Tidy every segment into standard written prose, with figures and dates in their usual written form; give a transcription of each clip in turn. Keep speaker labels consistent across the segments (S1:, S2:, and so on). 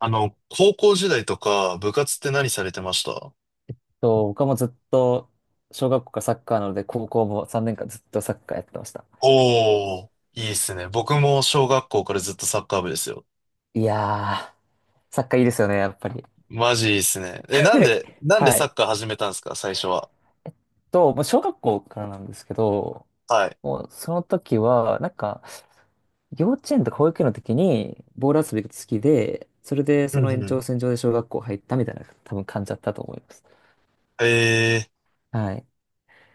S1: 高校時代とか部活って何されてました？
S2: そう、僕はもうずっと、小学校からサッカーなので、高校も3年間ずっとサッカーやってました。
S1: おー、いいっすね。僕も小学校からずっとサッカー部ですよ。
S2: いやー、サッカーいいですよね、やっぱり。
S1: マジいいっすね。え、なんで、なんで
S2: は
S1: サ
S2: い。
S1: ッカー始めたんですか、最初は？
S2: もう小学校からなんですけど、
S1: はい。
S2: もうその時は、なんか、幼稚園とか保育園の時に、ボール遊びが好きで、それで
S1: う
S2: そ
S1: ん
S2: の延
S1: うん。
S2: 長線上で小学校入ったみたいな、多分感じだったと思います。
S1: えー、
S2: はい。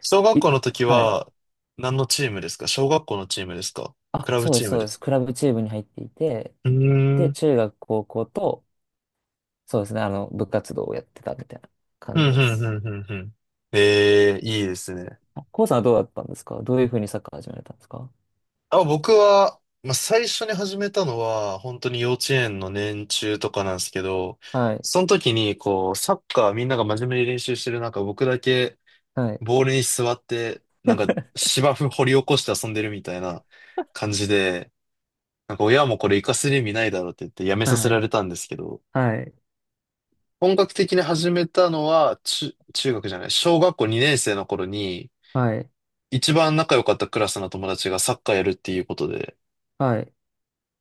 S1: 小学
S2: い、
S1: 校の時
S2: はい。
S1: は何のチームですか？小学校のチームですか？ク
S2: あ、
S1: ラブ
S2: そうで
S1: チ
S2: す、
S1: ーム
S2: そう
S1: で
S2: です。
S1: す。
S2: クラブチームに入っていて、
S1: うーん。う
S2: で、
S1: ん、
S2: 中学、高校と、そうですね。部活動をやってたみたいな
S1: う
S2: 感
S1: ん、
S2: じ
S1: う
S2: で
S1: ん、
S2: す。
S1: うん、うん。えー、いいですね。
S2: あ、コウさんはどうだったんですか？どういうふうにサッカー始められたんですか？
S1: あ、僕は、まあ、最初に始めたのは、本当に幼稚園の年中とかなんですけど、
S2: はい。
S1: その時に、こう、サッカーみんなが真面目に練習してる中、僕だけ
S2: はい。
S1: ボールに座って、なんか 芝生掘り起こして遊んでるみたいな感じで、なんか親もこれ活かせる意味ないだろうって言ってやめさせ
S2: は
S1: ら
S2: い。
S1: れたんですけど、
S2: はい。
S1: 本格的に始めたのは、中学じゃない、小学校2年生の頃に、
S2: はい。
S1: 一番仲良かったクラスの友達がサッカーやるっていうことで、
S2: はい。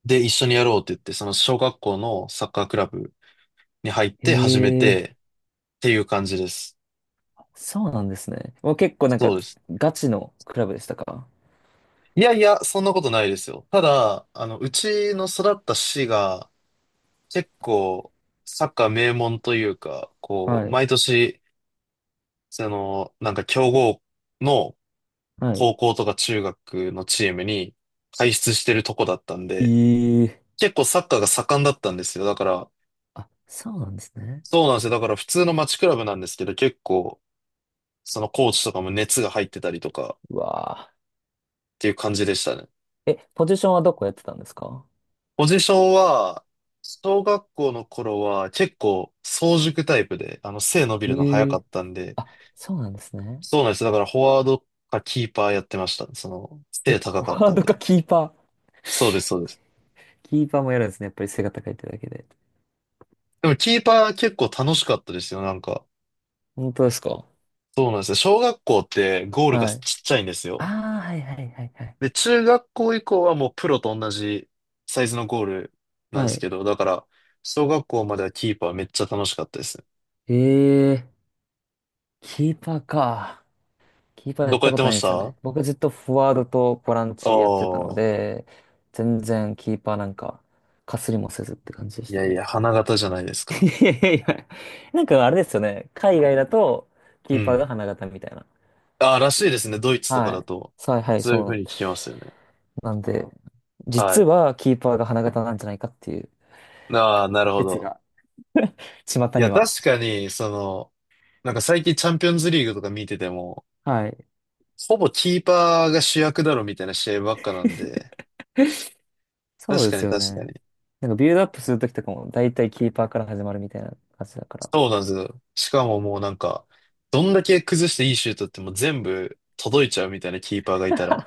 S1: で、一緒にやろうって言って、その小学校のサッカークラブに入っ
S2: へ
S1: て始め
S2: え。
S1: てっていう感じです。
S2: そうなんですね。もう結構なんか、
S1: そうです。
S2: ガチのクラブでしたか？
S1: いやいや、そんなことないですよ。ただ、あの、うちの育った市が結構サッカー名門というか、こう、
S2: はい。
S1: 毎年、その、なんか強豪の
S2: はい。
S1: 高校とか中学のチームに輩出してるとこだったん
S2: え
S1: で、
S2: え。
S1: 結構サッカーが盛んだったんですよ。だから、
S2: あ、そうなんですね。
S1: そうなんですよ。だから普通の街クラブなんですけど、結構、そのコーチとかも熱が入ってたりとか
S2: うわ
S1: っていう感じでしたね。
S2: ー。え、ポジションはどこやってたんですか？
S1: ポジションは、小学校の頃は結構早熟タイプで、あの背伸びるの早
S2: え
S1: かっ
S2: え。
S1: たんで、
S2: あ、そうなんですね。
S1: そうなんです。だからフォワードかキーパーやってましたね。その
S2: え、
S1: 背
S2: フ
S1: 高
S2: ォ
S1: かっ
S2: ワー
S1: たん
S2: ドか
S1: で。
S2: キーパー。
S1: そうです、そうです。
S2: キーパーもやるんですね。やっぱり背が高いってだけで。
S1: でもキーパー結構楽しかったですよ、なんか。
S2: 本当ですか？
S1: そうなんですよ。小学校ってゴールがち
S2: は
S1: っ
S2: い。
S1: ちゃいんですよ。
S2: ああ、はいはいはいはい。
S1: で、中学校以降はもうプロと同じサイズのゴールなんで
S2: は
S1: す
S2: い。
S1: けど、だから、小学校まではキーパーめっちゃ楽しかったですね。
S2: ええ。キーパーか。キーパーや
S1: ど
S2: っ
S1: こ
S2: た
S1: やっ
S2: こ
S1: て
S2: と
S1: ま
S2: ないん
S1: し
S2: ですよ
S1: た
S2: ね。
S1: あ？
S2: 僕ずっとフォワードとボラン
S1: あ
S2: チやってたの
S1: ー、
S2: で、全然キーパーなんか、かすりもせずって感じで
S1: い
S2: した
S1: やい
S2: ね。
S1: や、花形じゃないです か。
S2: いやいやいや。なんかあれですよね。海外だと、キ
S1: う
S2: ーパー
S1: ん。
S2: が花形みたいな。
S1: ああ、らしいですね。ドイツとか
S2: は
S1: だ
S2: い。
S1: と。
S2: さあ、はい、
S1: そういうふうに聞きますよね。
S2: なんで、
S1: は
S2: 実
S1: い。
S2: はキーパーが花形なんじゃないかっていう
S1: ああ、なるほ
S2: 説
S1: ど。
S2: が、巷
S1: いや、
S2: には。
S1: 確かに、その、なんか最近チャンピオンズリーグとか見てても、
S2: はい。
S1: ほぼキーパーが主役だろみたいな試合ばっかなんで、
S2: そう
S1: 確
S2: で
S1: か
S2: す
S1: に
S2: よ
S1: 確
S2: ね。
S1: かに。
S2: なんかビルドアップするときとかも、だいたいキーパーから始まるみたいな感じだから。
S1: そうなんですよ。しかももうなんか、どんだけ崩していいシュートってもう全部届いちゃうみたいなキーパーがいたら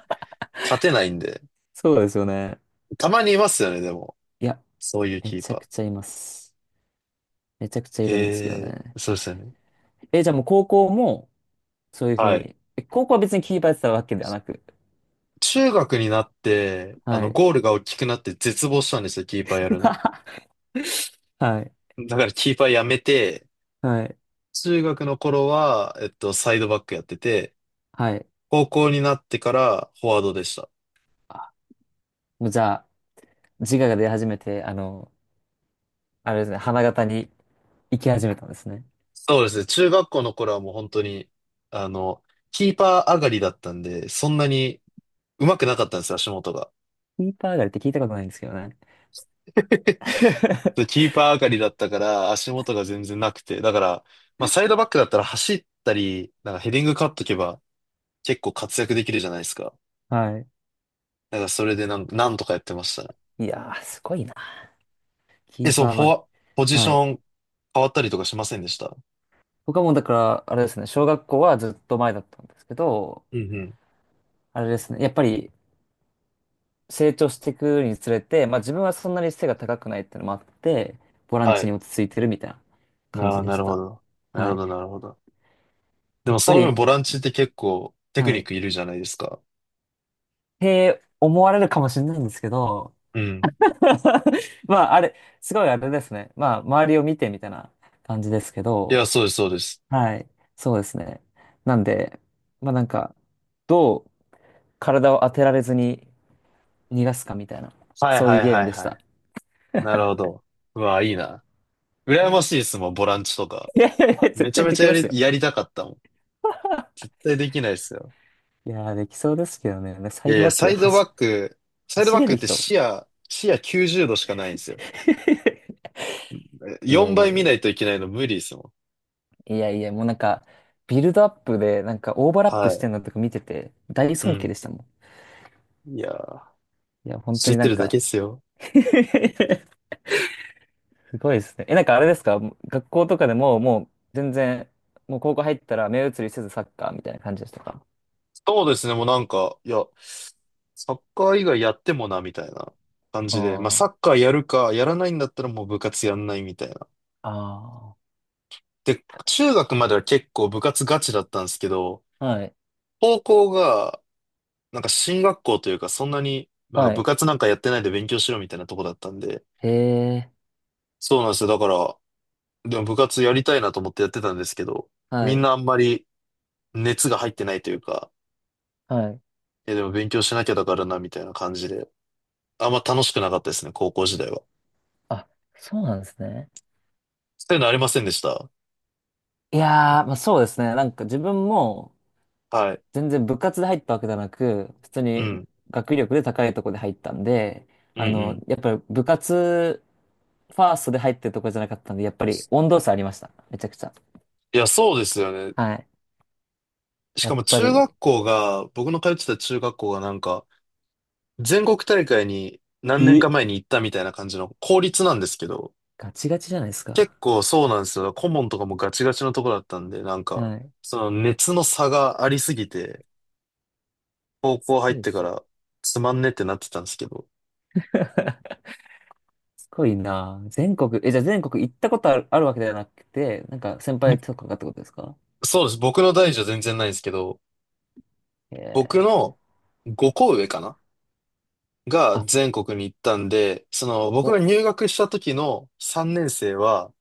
S1: 勝てないんで。
S2: そうですよね。
S1: たまにいますよね、でも。
S2: いや、
S1: そういう
S2: め
S1: キー
S2: ち
S1: パ
S2: ゃ
S1: ー。
S2: くちゃいます。めちゃくちゃいるんですけど
S1: へえ、
S2: ね。
S1: そうですよね。
S2: え、じゃあもう高校も、そういうふう
S1: はい。
S2: に。高校は別にキーパーやってたわけではなく。
S1: 中学になって、あ
S2: は
S1: の、
S2: い。
S1: ゴールが大きくなって絶望したんですよ、キーパーやるの。
S2: はい。
S1: だからキーパーやめて、
S2: はい。
S1: 中学の頃は、えっと、サイドバックやってて、
S2: はい。
S1: 高校になってからフォワードでした。
S2: あ、もうじゃあ、自我が出始めて、あれですね、花形に行き始めたんですね。
S1: そうですね。中学校の頃はもう本当に、あの、キーパー上がりだったんで、そんなに上手くなかったんですよ、足元が。
S2: キーパー上がりって聞いたことないんですけどね。
S1: でキ ーパー上がりだったから、足元が全然なくて。だから、まあ、サイドバックだったら走ったり、なんかヘディング勝っとけば、結構活躍できるじゃないですか。
S2: は
S1: だからそれでなんとかやってましたね。
S2: い。いやー、すごいな。キ
S1: え、
S2: ー
S1: そう、
S2: パー
S1: フォ
S2: はね。
S1: ワ、ポジシ
S2: は
S1: ョ
S2: い。
S1: ン変わったりとかしませんでした？
S2: 僕はもうだから、あれですね、小学校はずっと前だったんですけど、
S1: うんうん。
S2: あれですね、やっぱり成長していくにつれて、まあ自分はそんなに背が高くないっていうのもあって、ボラン
S1: は
S2: チに
S1: い。
S2: 落ち着いてるみたいな感
S1: あ
S2: じ
S1: あ、
S2: で
S1: な
S2: し
S1: るほ
S2: た。
S1: ど。なる
S2: は
S1: ほ
S2: い。
S1: ど、なるほど。で
S2: やっ
S1: もそ
S2: ぱ
S1: の分
S2: り、
S1: ボランチって結構テク
S2: は
S1: ニッ
S2: い。
S1: クいるじゃないですか。
S2: へー思われるかもしれないんですけど、
S1: うん。
S2: まああれ、すごいあれですね。まあ周りを見てみたいな感じですけ
S1: い
S2: ど、
S1: や、そうです、そうです。
S2: はい。そうですね。なんで、まあなんか、どう体を当てられずに逃がすかみたいな、
S1: はい
S2: そういう
S1: はい
S2: ゲー
S1: は
S2: ム
S1: い
S2: でし
S1: は
S2: た。
S1: い。なるほど。うわ、いいな。羨ましいですもん、ボランチとか。
S2: いやいやいや、絶
S1: めちゃ
S2: 対
S1: め
S2: で
S1: ちゃ
S2: き
S1: や
S2: ますよ。
S1: り、やりたかったもん。絶対できないですよ。
S2: いやー、できそうですけどね。サ
S1: い
S2: イ
S1: やい
S2: ドバ
S1: や、
S2: ック
S1: サ
S2: で
S1: イドバック、サイド
S2: 走
S1: バッ
S2: れ
S1: クっ
S2: る
S1: て
S2: 人。
S1: 視野90度しかないんですよ。
S2: いや
S1: 4
S2: いや
S1: 倍
S2: い
S1: 見な
S2: や。
S1: いといけないの無理ですもん。
S2: いやいや、もうなんか、ビルドアップで、なんかオーバーラップ
S1: は
S2: し
S1: い。
S2: てんのとか見てて、大
S1: う
S2: 尊敬で
S1: ん。
S2: したも
S1: いやー、
S2: ん。いや、本当
S1: 知っ
S2: にな
S1: て
S2: ん
S1: るだ
S2: か
S1: けですよ。
S2: すごいですね。え、なんかあれですか？学校とかでも、もう全然、もう高校入ったら目移りせずサッカーみたいな感じでしたか？
S1: そうですね、もうなんか、いや、サッカー以外やってもな、みたいな感
S2: あ
S1: じで。まあ、
S2: あ
S1: サ
S2: ー、
S1: ッカーやるか、やらないんだったらもう部活やんないみたいな。
S2: あ
S1: で、中学までは結構部活ガチだったんですけど、
S2: あ、はい、
S1: 高校が、なんか進学校というか、そんなに、なんか
S2: は
S1: 部
S2: い、
S1: 活なんかやってないで勉強しろみたいなとこだったんで、
S2: へえ、
S1: そうなんですよ。だから、でも部活やりたいなと思ってやってたんですけど、
S2: は
S1: みん
S2: い、
S1: なあんまり熱が入ってないというか、
S2: はい。
S1: え、でも勉強しなきゃだからな、みたいな感じで、あんま楽しくなかったですね、高校時代は。
S2: あ、そうなんですね。
S1: そういうのありませんでした？
S2: いやー、まあ、そうですね。なんか自分も
S1: はい。
S2: 全然部活で入ったわけじゃなく、普通
S1: う
S2: に
S1: ん。
S2: 学力で高いとこで入ったんで、
S1: うんうん。
S2: やっぱり部活ファーストで入ってるとこじゃなかったんで、やっぱり温度差ありました。めちゃくちゃ。
S1: いや、そうですよね。
S2: はい。
S1: し
S2: や
S1: か
S2: っ
S1: も
S2: ぱ
S1: 中学
S2: り、
S1: 校が、僕の通ってた中学校がなんか、全国大会に何年か
S2: え
S1: 前に行ったみたいな感じの公立なんですけど、
S2: ガチガチじゃないです
S1: 結
S2: か。
S1: 構そうなんですよ。顧問とかもガチガチのとこだったんで、なんか、
S2: はい。
S1: その熱の差がありすぎて、高
S2: す
S1: 校入っ
S2: ごいで
S1: てか
S2: すね。
S1: らつまんねってなってたんですけど、
S2: すごいなあ。全国、じゃあ全国行ったことある、あるわけではなくて、なんか先
S1: ぼ
S2: 輩とかがってことですか？
S1: そうです。僕の代じゃ全然ないんですけど、僕
S2: ええ
S1: の5校上かなが
S2: ー。あ、
S1: 全国に行ったんで、その僕が
S2: こ、
S1: 入学した時の3年生は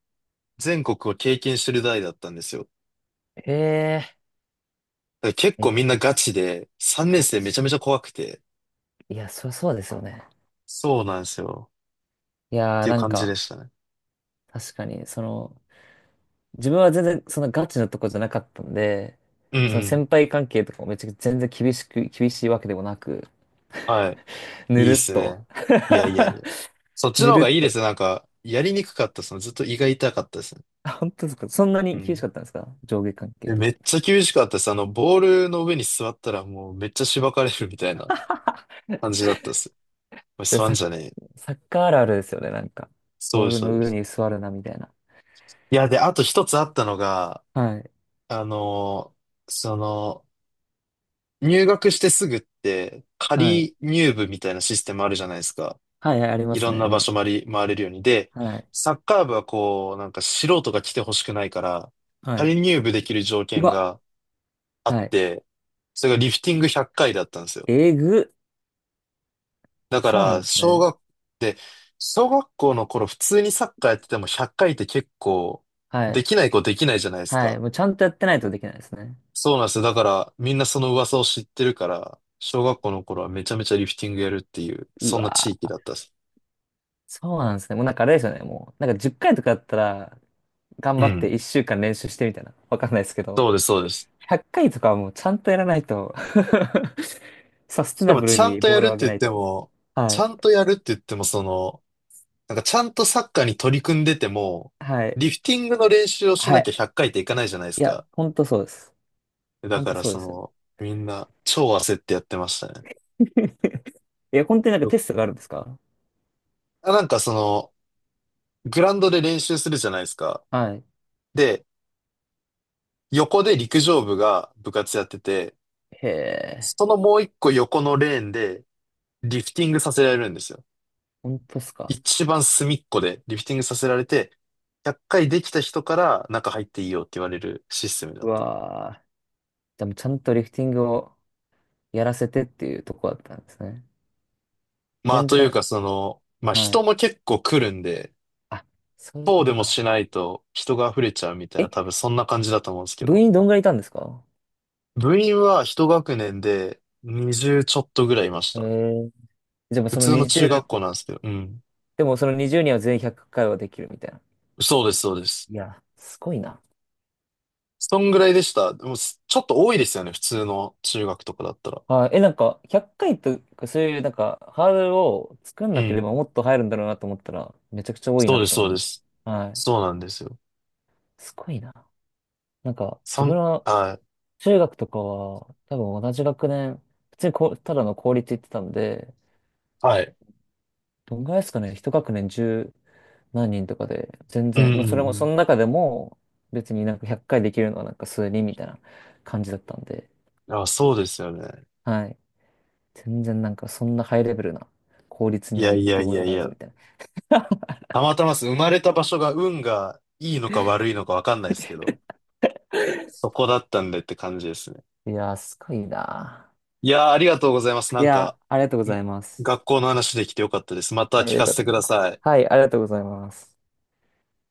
S1: 全国を経験してる代だったんですよ。だ
S2: へえ、
S1: から結
S2: め
S1: 構
S2: っ
S1: みんなガチで、3年
S2: か
S1: 生めちゃ
S2: ち、
S1: めちゃ怖くて、
S2: いや、そうですよね。
S1: そうなんですよ。
S2: い
S1: っ
S2: や
S1: て
S2: ー、
S1: いう
S2: なん
S1: 感じ
S2: か、
S1: でしたね。
S2: 確かに、その、自分は全然、そのガチのとこじゃなかったんで、
S1: うん
S2: その
S1: うん。
S2: 先輩関係とかもめちゃくちゃ全然厳しく、厳しいわけでもなく、
S1: はい。
S2: ぬ
S1: いいっ
S2: るっ
S1: す
S2: と。
S1: ね。いやいやい や。そっち
S2: ぬ
S1: の方
S2: るっ
S1: がいいで
S2: と。
S1: すね。なんか、やりにくかったですね。ずっと胃が痛かったですね。
S2: あ、本当ですか？そんな
S1: う
S2: に厳し
S1: ん。
S2: かったんですか？上下関係
S1: で、
S2: と
S1: め
S2: か。
S1: っちゃ厳しかったです。あの、ボールの上に座ったらもうめっちゃしばかれるみたいな感 じだったです。おい
S2: いや
S1: 座ん
S2: サ
S1: じ
S2: ッ、
S1: ゃねえよ。
S2: サッカーあるあるですよね、なんか。
S1: そう
S2: ボー
S1: です、
S2: ル
S1: そう
S2: の
S1: で
S2: 上
S1: す。
S2: に座るな、みたいな。
S1: いや、で、あと一つあったのが、
S2: はい。
S1: あのその、入学してすぐって、
S2: はい。
S1: 仮入部みたいなシステムあるじゃないですか。
S2: はい、はいありま
S1: い
S2: す
S1: ろん
S2: ね。
S1: な場所回り、回れるように。で、
S2: はい。
S1: サッカー部はこう、なんか素人が来てほしくないから、
S2: はい。
S1: 仮入部できる条
S2: う
S1: 件
S2: わ。
S1: があっ
S2: はい。
S1: て、それがリフティング100回だったんですよ。
S2: えぐ。
S1: だか
S2: そうなん
S1: ら、
S2: ですね。
S1: で、小学校の頃普通にサッカーやってても100回っかいって結構、
S2: はい。
S1: できないじゃないです
S2: はい。
S1: か。
S2: もうちゃんとやってないとできないですね。
S1: そうなんですよ。だから、みんなその噂を知ってるから、小学校の頃はめちゃめちゃリフティングやるっていう、
S2: う
S1: そんな地
S2: わ
S1: 域
S2: ー。
S1: だったです。
S2: そうなんですね。もうなんかあれですよね。もう、なんか10回とかやったら、頑
S1: う
S2: 張って
S1: ん。
S2: 1週間練習してみたいな。わかんないですけ
S1: そ
S2: ど、
S1: うです、そうです。
S2: 100回とかはもうちゃんとやらないと サステ
S1: しか
S2: ナ
S1: も
S2: ブルにボールを上げないと。
S1: ち
S2: は
S1: ゃ
S2: い。
S1: んとやるって言っても、その、なんかちゃんとサッカーに取り組んでても、
S2: はい。
S1: リフティングの練習をし
S2: は
S1: なきゃ
S2: い。
S1: 100回っかいっていかないじゃないです
S2: いや、
S1: か。
S2: ほんとそうです。
S1: だ
S2: ほん
S1: か
S2: と
S1: ら
S2: そうで
S1: そ
S2: すよ。
S1: の、みんな超焦ってやってましたね。
S2: いや、本当になんかテストがあるんですか？
S1: あなんかその、グラウンドで練習するじゃないですか。
S2: はい。
S1: で、横で陸上部が部活やってて、
S2: へえ、
S1: そのもう一個横のレーンでリフティングさせられるんですよ。
S2: ほんとっすか。
S1: 一番隅っこでリフティングさせられて、100回できた人から中入っていいよって言われるシステムだ
S2: う
S1: った。
S2: わー。じゃもうちゃんとリフティングをやらせてっていうとこだったんですね。
S1: まあ
S2: 全
S1: という
S2: 然、
S1: かその、まあ
S2: は
S1: 人
S2: い。
S1: も結構来るんで、
S2: あ、そういう
S1: そ
S2: こ
S1: うで
S2: と
S1: もし
S2: か。
S1: ないと人が溢れちゃうみたいな
S2: え、
S1: 多分そんな感じだと思うんですけ
S2: 部
S1: ど、
S2: 員どんぐらいいたんですか？
S1: 部員は一学年で20ちょっとぐらいいまし
S2: へ
S1: た。
S2: え。でも
S1: 普
S2: その
S1: 通の中
S2: 20、
S1: 学校なんですけど、うん。
S2: でもその20にんは全員100回はできるみたいな。
S1: そうです、そうです。
S2: いや、すごいな。
S1: そんぐらいでした。でもちょっと多いですよね、普通の中学とかだったら。
S2: はい。え、なんか、100回とか、そういう、なんか、ハードルを作ん
S1: う
S2: なけれ
S1: ん。
S2: ばもっと入るんだろうなと思ったら、めちゃくちゃ多い
S1: そ
S2: な
S1: う
S2: っ
S1: です、
S2: て
S1: そ
S2: 思
S1: う
S2: い
S1: で
S2: ます。
S1: す。
S2: はい。
S1: そうなんですよ。
S2: すごいな。なんか、
S1: そ
S2: 自
S1: ん、
S2: 分は、
S1: はい
S2: 中学とかは、多分同じ学年、普通にこう、ただの公立行ってたんで、
S1: はい。
S2: どんぐらいですかね、一学年十何人とかで、全
S1: うん
S2: 然、まあ、それ
S1: う
S2: も、そ
S1: ん
S2: の中でも、別になんか100回できるのはなんか数人みたいな感じだったんで、
S1: うん。あ、そうですよね。
S2: はい。全然なんかそんなハイレベルな効率
S1: い
S2: には
S1: や
S2: 行っ
S1: いや
S2: て
S1: い
S2: お
S1: やい
S2: らず
S1: や。
S2: みたいな。
S1: たまたまです。生まれた場所が運がいいのか悪いのかわかんないですけど、そこだったんでって感じですね。
S2: いやー、すごいな
S1: いやー、ありがとうございます。な
S2: ー。い
S1: んか、
S2: やー、ありがとうご
S1: ん
S2: ざいます。
S1: 学校の話できてよかったです。また
S2: はい、
S1: 聞
S2: よ
S1: か
S2: か
S1: せ
S2: った
S1: て
S2: で
S1: く
S2: す。
S1: ださい。
S2: はい、ありがとうございます。